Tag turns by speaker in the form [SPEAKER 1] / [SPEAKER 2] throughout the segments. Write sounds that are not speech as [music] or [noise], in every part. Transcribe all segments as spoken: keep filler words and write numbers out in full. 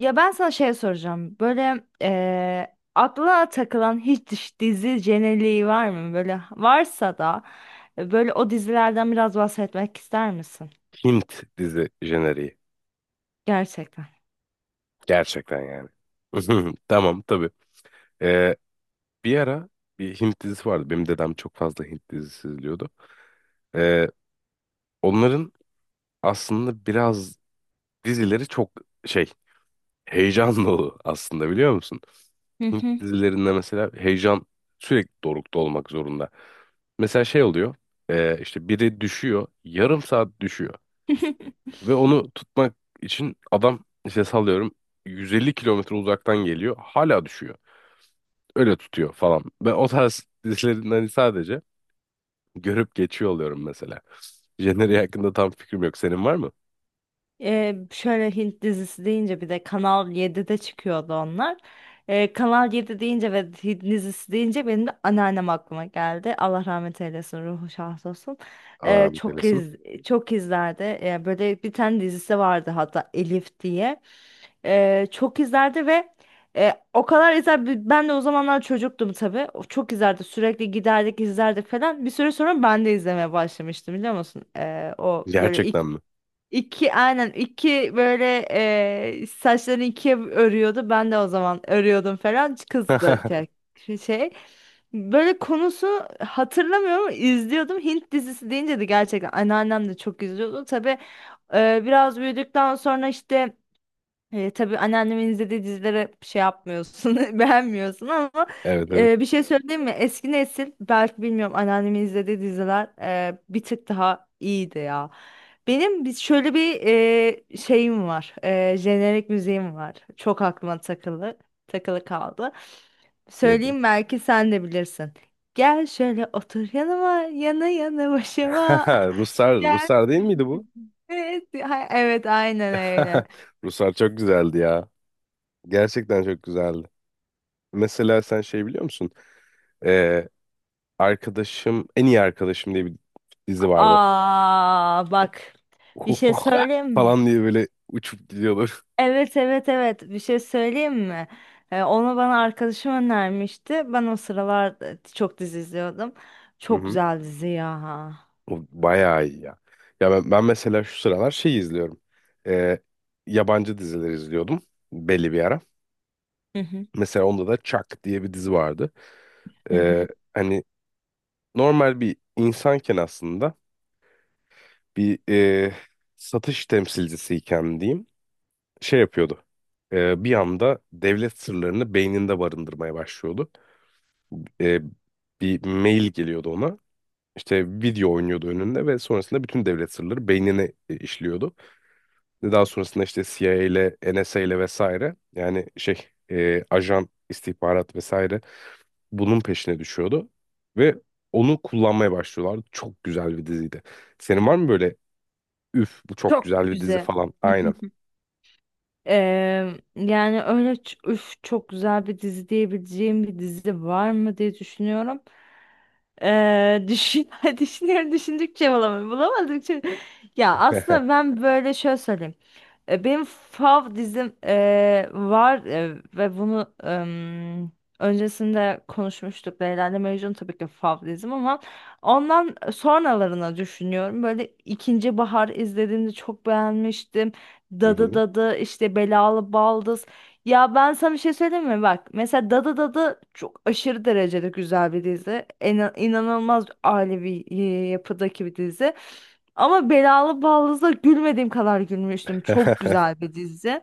[SPEAKER 1] Ya ben sana şey soracağım. Böyle eee aklına takılan hiç diş- dizi jeneriği var mı? Böyle varsa da e, böyle o dizilerden biraz bahsetmek ister misin?
[SPEAKER 2] Hint dizi jeneriği.
[SPEAKER 1] Gerçekten.
[SPEAKER 2] Gerçekten yani. [laughs] Tamam tabii. Ee, bir ara bir Hint dizisi vardı. Benim dedem çok fazla Hint dizisi izliyordu. Ee, onların aslında biraz dizileri çok şey heyecan [laughs] dolu aslında biliyor musun?
[SPEAKER 1] Hı
[SPEAKER 2] Hint
[SPEAKER 1] hı.
[SPEAKER 2] dizilerinde mesela heyecan sürekli dorukta olmak zorunda. Mesela şey oluyor. Ee, işte biri düşüyor. Yarım saat düşüyor. Ve
[SPEAKER 1] [laughs]
[SPEAKER 2] onu tutmak için adam işte sallıyorum yüz elli kilometre uzaktan geliyor. Hala düşüyor. Öyle tutuyor falan. Ben o tarz dizilerin hani sadece görüp geçiyor oluyorum mesela. Jenner'i hakkında tam fikrim yok. Senin var mı?
[SPEAKER 1] Ee, şöyle Hint dizisi deyince bir de Kanal yedide çıkıyordu onlar. Ee, Kanal yedi deyince ve Hint dizisi deyince benim de anneannem aklıma geldi. Allah rahmet eylesin, ruhu şad olsun.
[SPEAKER 2] Allah
[SPEAKER 1] Ee,
[SPEAKER 2] rahmet
[SPEAKER 1] çok
[SPEAKER 2] eylesin.
[SPEAKER 1] iz Çok izlerdi. Ee, böyle bir tane dizisi vardı hatta Elif diye. Ee, çok izlerdi ve e, o kadar izler bi- ben de o zamanlar çocuktum tabii. O çok izlerdi. Sürekli giderdik, izlerdik falan. Bir süre sonra ben de izlemeye başlamıştım biliyor musun? Ee, o böyle
[SPEAKER 2] Gerçekten mi?
[SPEAKER 1] İki aynen iki böyle eee, saçlarını ikiye örüyordu. Ben de o zaman örüyordum falan. Kız da tek
[SPEAKER 2] [laughs]
[SPEAKER 1] şey. Böyle konusu hatırlamıyorum ama izliyordum. Hint dizisi deyince de gerçekten anneannem de çok izliyordu. Tabii eee, biraz büyüdükten sonra işte e, tabii anneannemin izlediği dizilere şey yapmıyorsun, [laughs] beğenmiyorsun ama
[SPEAKER 2] Evet, evet.
[SPEAKER 1] e, bir şey söyleyeyim mi? Eski nesil belki bilmiyorum anneannemin izlediği diziler e, bir tık daha iyiydi ya. Benim bir- şöyle bir e, şeyim var, e, jenerik müziğim var. Çok aklıma takılı, takılı kaldı.
[SPEAKER 2] Nedir?
[SPEAKER 1] Söyleyeyim belki sen de bilirsin. Gel şöyle otur yanıma, yana yana başıma.
[SPEAKER 2] [laughs]
[SPEAKER 1] [laughs]
[SPEAKER 2] Ruslar,
[SPEAKER 1] Gel.
[SPEAKER 2] Ruslar değil
[SPEAKER 1] [laughs]
[SPEAKER 2] miydi bu?
[SPEAKER 1] Evet, ha- evet aynen öyle.
[SPEAKER 2] [laughs] Ruslar çok güzeldi ya. Gerçekten çok güzeldi. Mesela sen şey biliyor musun? Ee, arkadaşım, en iyi arkadaşım diye bir dizi vardı.
[SPEAKER 1] Aa bak bir şey
[SPEAKER 2] [laughs]
[SPEAKER 1] söyleyeyim mi?
[SPEAKER 2] falan diye böyle uçup gidiyorlar.
[SPEAKER 1] Evet, evet, evet, bir şey söyleyeyim mi? Ee, onu bana arkadaşım önermişti. Ben o sıralar e, çok dizi izliyordum.
[SPEAKER 2] Hı
[SPEAKER 1] Çok
[SPEAKER 2] hı.
[SPEAKER 1] güzel dizi ya.
[SPEAKER 2] O bayağı iyi ya. Ya ben, ben mesela şu sıralar şey izliyorum. Ee, yabancı diziler izliyordum belli bir ara.
[SPEAKER 1] Hı hı,
[SPEAKER 2] Mesela onda da Chuck diye bir dizi vardı.
[SPEAKER 1] hı
[SPEAKER 2] Ee,
[SPEAKER 1] hı.
[SPEAKER 2] hani normal bir insanken aslında bir e, satış temsilcisiyken diyeyim şey yapıyordu. Ee, bir anda devlet sırlarını beyninde barındırmaya başlıyordu. Ee, bir mail geliyordu ona. İşte video oynuyordu önünde ve sonrasında bütün devlet sırları beynine e, işliyordu. Ve Daha sonrasında işte C I A ile N S A ile vesaire yani şey e, ajan istihbarat vesaire bunun peşine düşüyordu ve onu kullanmaya başlıyorlardı. Çok güzel bir diziydi. Senin var mı böyle üf bu çok
[SPEAKER 1] Çok
[SPEAKER 2] güzel bir dizi
[SPEAKER 1] güzel.
[SPEAKER 2] falan?
[SPEAKER 1] Hı
[SPEAKER 2] Aynen.
[SPEAKER 1] hı. Ee, Yani öyle ç- üf, çok güzel bir dizi diyebileceğim bir dizi var mı diye düşünüyorum. Ee, düşün, [laughs] Düşünüyorum düşündükçe bulamıyorum. Bulamadıkça. Ya aslında
[SPEAKER 2] [laughs]
[SPEAKER 1] ben böyle şöyle söyleyeyim. E, Benim fav dizim e, var e, ve bunu em, öncesinde konuşmuştuk. Leyla ile Mecnun tabii ki fav dizim ama ondan sonralarına düşünüyorum. Böyle ikinci bahar izlediğimde çok beğenmiştim.
[SPEAKER 2] Hı
[SPEAKER 1] Dadı
[SPEAKER 2] hı.
[SPEAKER 1] Dadı işte Belalı Baldız. Ya ben sana bir şey söyleyeyim mi? Bak mesela Dada Dada çok aşırı derecede güzel bir dizi. En, inanılmaz ailevi e, yapıdaki bir dizi. Ama Belalı Ballız'da gülmediğim kadar gülmüştüm. Çok
[SPEAKER 2] [laughs]
[SPEAKER 1] güzel bir dizi.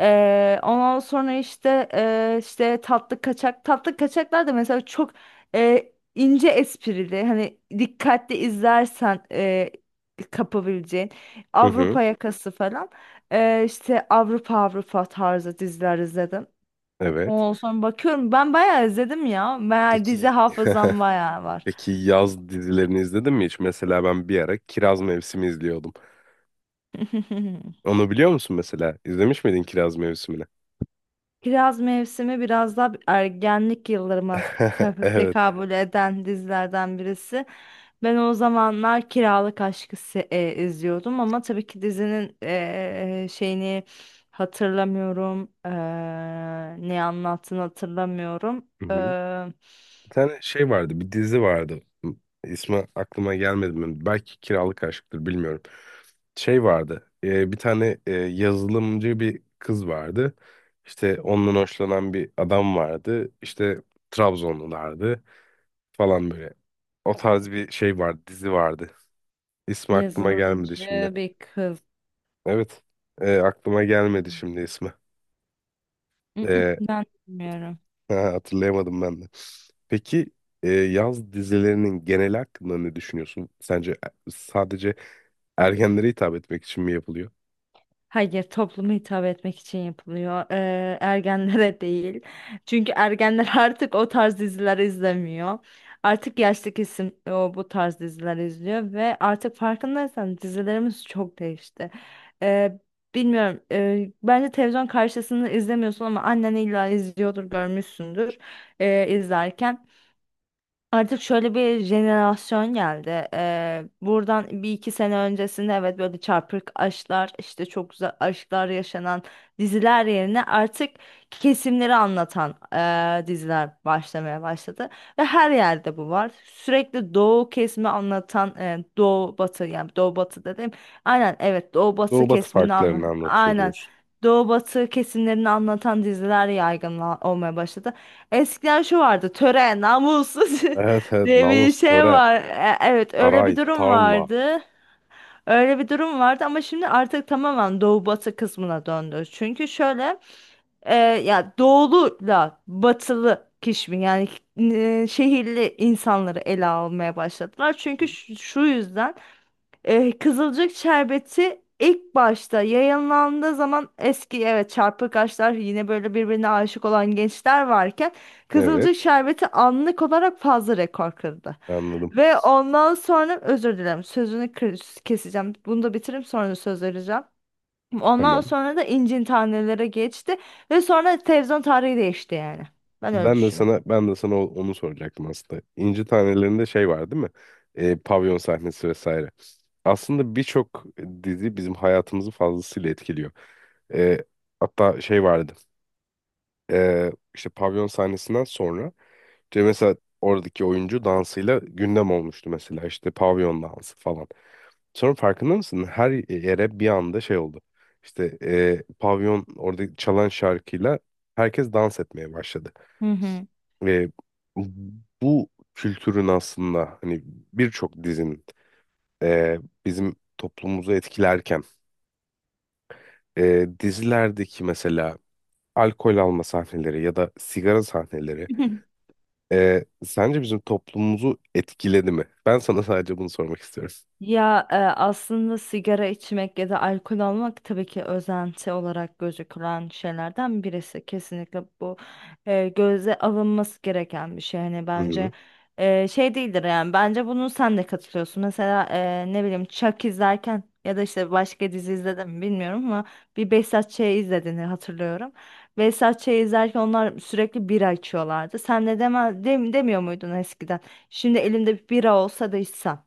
[SPEAKER 1] Ee, ondan sonra işte e, işte tatlı kaçak tatlı kaçaklar da mesela çok e, ince esprili hani dikkatli izlersen e, kapabileceğin
[SPEAKER 2] Hı hı.
[SPEAKER 1] Avrupa Yakası falan. Ee, işte Avrupa Avrupa tarzı diziler izledim.
[SPEAKER 2] Evet.
[SPEAKER 1] Ondan sonra bakıyorum ben bayağı izledim ya. Bayağı
[SPEAKER 2] Peki.
[SPEAKER 1] dizi
[SPEAKER 2] [laughs]
[SPEAKER 1] hafızam bayağı var.
[SPEAKER 2] Peki yaz dizilerini izledin mi hiç? Mesela ben bir ara Kiraz Mevsimi izliyordum.
[SPEAKER 1] [laughs]
[SPEAKER 2] Onu biliyor musun mesela? İzlemiş miydin Kiraz Mevsimi'ni?
[SPEAKER 1] Kiraz Mevsimi biraz daha ergenlik yıllarıma
[SPEAKER 2] [laughs]
[SPEAKER 1] te-
[SPEAKER 2] Evet.
[SPEAKER 1] tekabül eden dizilerden birisi. Ben o zamanlar Kiralık Aşk'ı se- e, izliyordum ama tabii ki dizinin e, şeyini hatırlamıyorum. E, ne anlattığını hatırlamıyorum.
[SPEAKER 2] Hı
[SPEAKER 1] E,
[SPEAKER 2] hı. Bir tane şey vardı, bir dizi vardı. İsmi aklıma gelmedi mi? Belki Kiralık Aşk'tır, bilmiyorum. Şey vardı. e, bir tane e, yazılımcı bir kız vardı. İşte ondan hoşlanan bir adam vardı. İşte Trabzonlulardı falan böyle. O tarz bir şey vardı, dizi vardı. İsmi aklıma gelmedi şimdi.
[SPEAKER 1] yazılımcı bir kız.
[SPEAKER 2] Evet. E, aklıma gelmedi
[SPEAKER 1] Mm,
[SPEAKER 2] şimdi ismi.
[SPEAKER 1] mm,
[SPEAKER 2] E,
[SPEAKER 1] Ben bilmiyorum.
[SPEAKER 2] [laughs] Hatırlayamadım ben de. Peki e, yaz dizilerinin genel hakkında ne düşünüyorsun? Sence e- sadece ergenlere hitap etmek için mi yapılıyor?
[SPEAKER 1] Hayır, topluma hitap etmek için yapılıyor. Ee, ergenlere [laughs] değil. Çünkü ergenler [laughs] artık o tarz diziler izlemiyor. Artık yaşlı kesim o bu tarz diziler izliyor ve artık farkındaysan dizilerimiz çok değişti. Ee, Bilmiyorum. Ee, bence televizyon karşısında izlemiyorsun ama annen illa izliyordur, görmüşsündür ee, izlerken. Artık şöyle bir jenerasyon geldi. Ee, buradan bir iki sene öncesinde evet böyle çarpık aşklar işte çok güzel aşklar yaşanan diziler yerine artık kesimleri anlatan ee, diziler başlamaya başladı. Ve her yerde bu var. Sürekli doğu kesimi anlatan ee, doğu batı, yani doğu batı dedim. Aynen, evet, doğu batı
[SPEAKER 2] Doğu batı
[SPEAKER 1] kesimini anla
[SPEAKER 2] farklarını anlatıyor
[SPEAKER 1] aynen.
[SPEAKER 2] diyorsun.
[SPEAKER 1] Doğu batı kesimlerini anlatan diziler yaygın olmaya başladı. Eskiden şu vardı: töre, namussuz. [laughs]
[SPEAKER 2] Evet, evet.
[SPEAKER 1] diye bir
[SPEAKER 2] Namus,
[SPEAKER 1] şey
[SPEAKER 2] töre,
[SPEAKER 1] var. E- Evet, öyle bir
[SPEAKER 2] saray,
[SPEAKER 1] durum
[SPEAKER 2] tarla.
[SPEAKER 1] vardı. Öyle bir durum vardı ama şimdi artık tamamen doğu batı kısmına döndü. Çünkü şöyle e, ya doğuluyla batılı kişimin yani e, şehirli insanları ele almaya başladılar. Çünkü
[SPEAKER 2] Hı.
[SPEAKER 1] şu, şu yüzden e, Kızılcık şerbeti ilk başta yayınlandığı zaman eski evet çarpık aşklar yine böyle birbirine aşık olan gençler varken Kızılcık
[SPEAKER 2] Evet.
[SPEAKER 1] şerbeti anlık olarak fazla rekor kırdı.
[SPEAKER 2] Anladım.
[SPEAKER 1] Ve ondan sonra özür dilerim sözünü kır- keseceğim. Bunu da bitirip sonra söz vereceğim. Ondan
[SPEAKER 2] Tamam.
[SPEAKER 1] sonra da incin tanelere geçti ve sonra televizyon tarihi değişti yani. Ben öyle
[SPEAKER 2] Ben de
[SPEAKER 1] düşünüyorum.
[SPEAKER 2] sana ben de sana o- onu soracaktım aslında. İnci Taneleri'nde şey var değil mi? Ee, pavyon sahnesi vesaire. Aslında birçok dizi bizim hayatımızı fazlasıyla etkiliyor. Ee, hatta şey vardı. Ee, işte pavyon sahnesinden sonra işte mesela oradaki oyuncu dansıyla gündem olmuştu mesela işte pavyon dansı falan. Sonra farkında mısın? Her yere bir anda şey oldu. İşte ee, pavyon orada çalan şarkıyla herkes dans etmeye başladı.
[SPEAKER 1] Hı hı.
[SPEAKER 2] E, bu kültürün aslında hani birçok dizinin e, bizim toplumumuzu etkilerken e, dizilerdeki mesela alkol alma sahneleri ya da sigara sahneleri
[SPEAKER 1] [laughs]
[SPEAKER 2] e, sence bizim toplumumuzu etkiledi mi? Ben sana [laughs] sadece bunu sormak istiyorum.
[SPEAKER 1] Ya e, aslında sigara içmek ya da alkol almak tabii ki özenti olarak gözükülen şeylerden birisi. Kesinlikle bu e, göze alınması gereken bir şey. Hani
[SPEAKER 2] Hı
[SPEAKER 1] bence
[SPEAKER 2] hı.
[SPEAKER 1] e, şey değildir yani. Bence bunu sen de katılıyorsun. Mesela e, ne bileyim Chuck izlerken ya da işte başka dizi izledim mi bilmiyorum ama bir Behzat Ç'yi izlediğini hatırlıyorum. Behzat Ç'yi izlerken onlar sürekli bira içiyorlardı. Sen de deme, dem, demiyor muydun eskiden? Şimdi elimde bir bira olsa da içsem.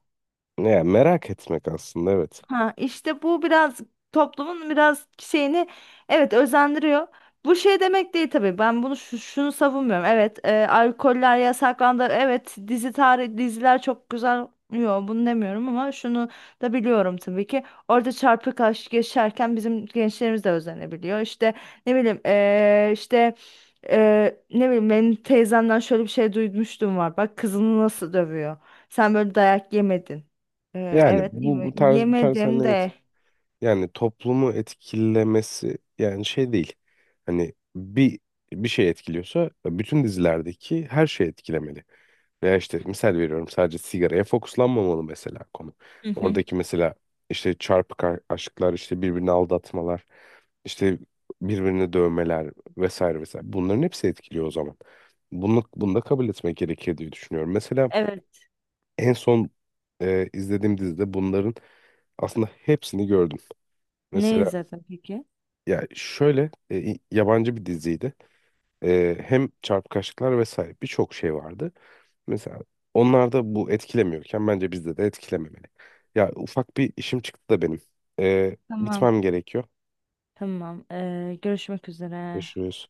[SPEAKER 2] Yani merak etmek aslında evet.
[SPEAKER 1] Ha işte bu biraz toplumun biraz şeyini evet özendiriyor. Bu şey demek değil tabii. Ben bunu şu- şunu savunmuyorum. Evet, e, alkoller yasaklandı. Evet, dizi tarih diziler çok güzel. Yo, bunu demiyorum ama şunu da biliyorum tabii ki. Orada çarpık aşk yaşarken bizim gençlerimiz de özenebiliyor. İşte ne bileyim e, işte e, ne bileyim benim teyzemden şöyle bir şey duymuştum var. Bak kızını nasıl dövüyor. Sen böyle dayak yemedin. Ee,
[SPEAKER 2] Yani
[SPEAKER 1] evet
[SPEAKER 2] bu
[SPEAKER 1] yeme-
[SPEAKER 2] bu tarz bu tarz sahne
[SPEAKER 1] yemedim
[SPEAKER 2] evet.
[SPEAKER 1] de.
[SPEAKER 2] Yani toplumu etkilemesi yani şey değil. Hani bir bir şey etkiliyorsa bütün dizilerdeki her şey etkilemeli. Veya işte misal veriyorum sadece sigaraya fokuslanmamalı mesela konu.
[SPEAKER 1] Hı hı.
[SPEAKER 2] Oradaki mesela işte çarpık a- aşklar, işte birbirini aldatmalar, işte birbirini dövmeler vesaire vesaire. Bunların hepsi etkiliyor o zaman. Bunu, bunu da kabul etmek gerekir diye düşünüyorum. Mesela
[SPEAKER 1] Evet.
[SPEAKER 2] en son e, izlediğim dizide bunların aslında hepsini gördüm.
[SPEAKER 1] Ne
[SPEAKER 2] Mesela
[SPEAKER 1] izledin peki?
[SPEAKER 2] ya şöyle e, i- yabancı bir diziydi. E, hem çarpıkaşlıklar vesaire birçok şey vardı. Mesela onlar da bu etkilemiyorken bence bizde de etkilememeli. Ya ufak bir işim çıktı da benim. E,
[SPEAKER 1] Tamam.
[SPEAKER 2] gitmem gerekiyor.
[SPEAKER 1] Tamam. Ee, görüşmek üzere.
[SPEAKER 2] Görüşürüz.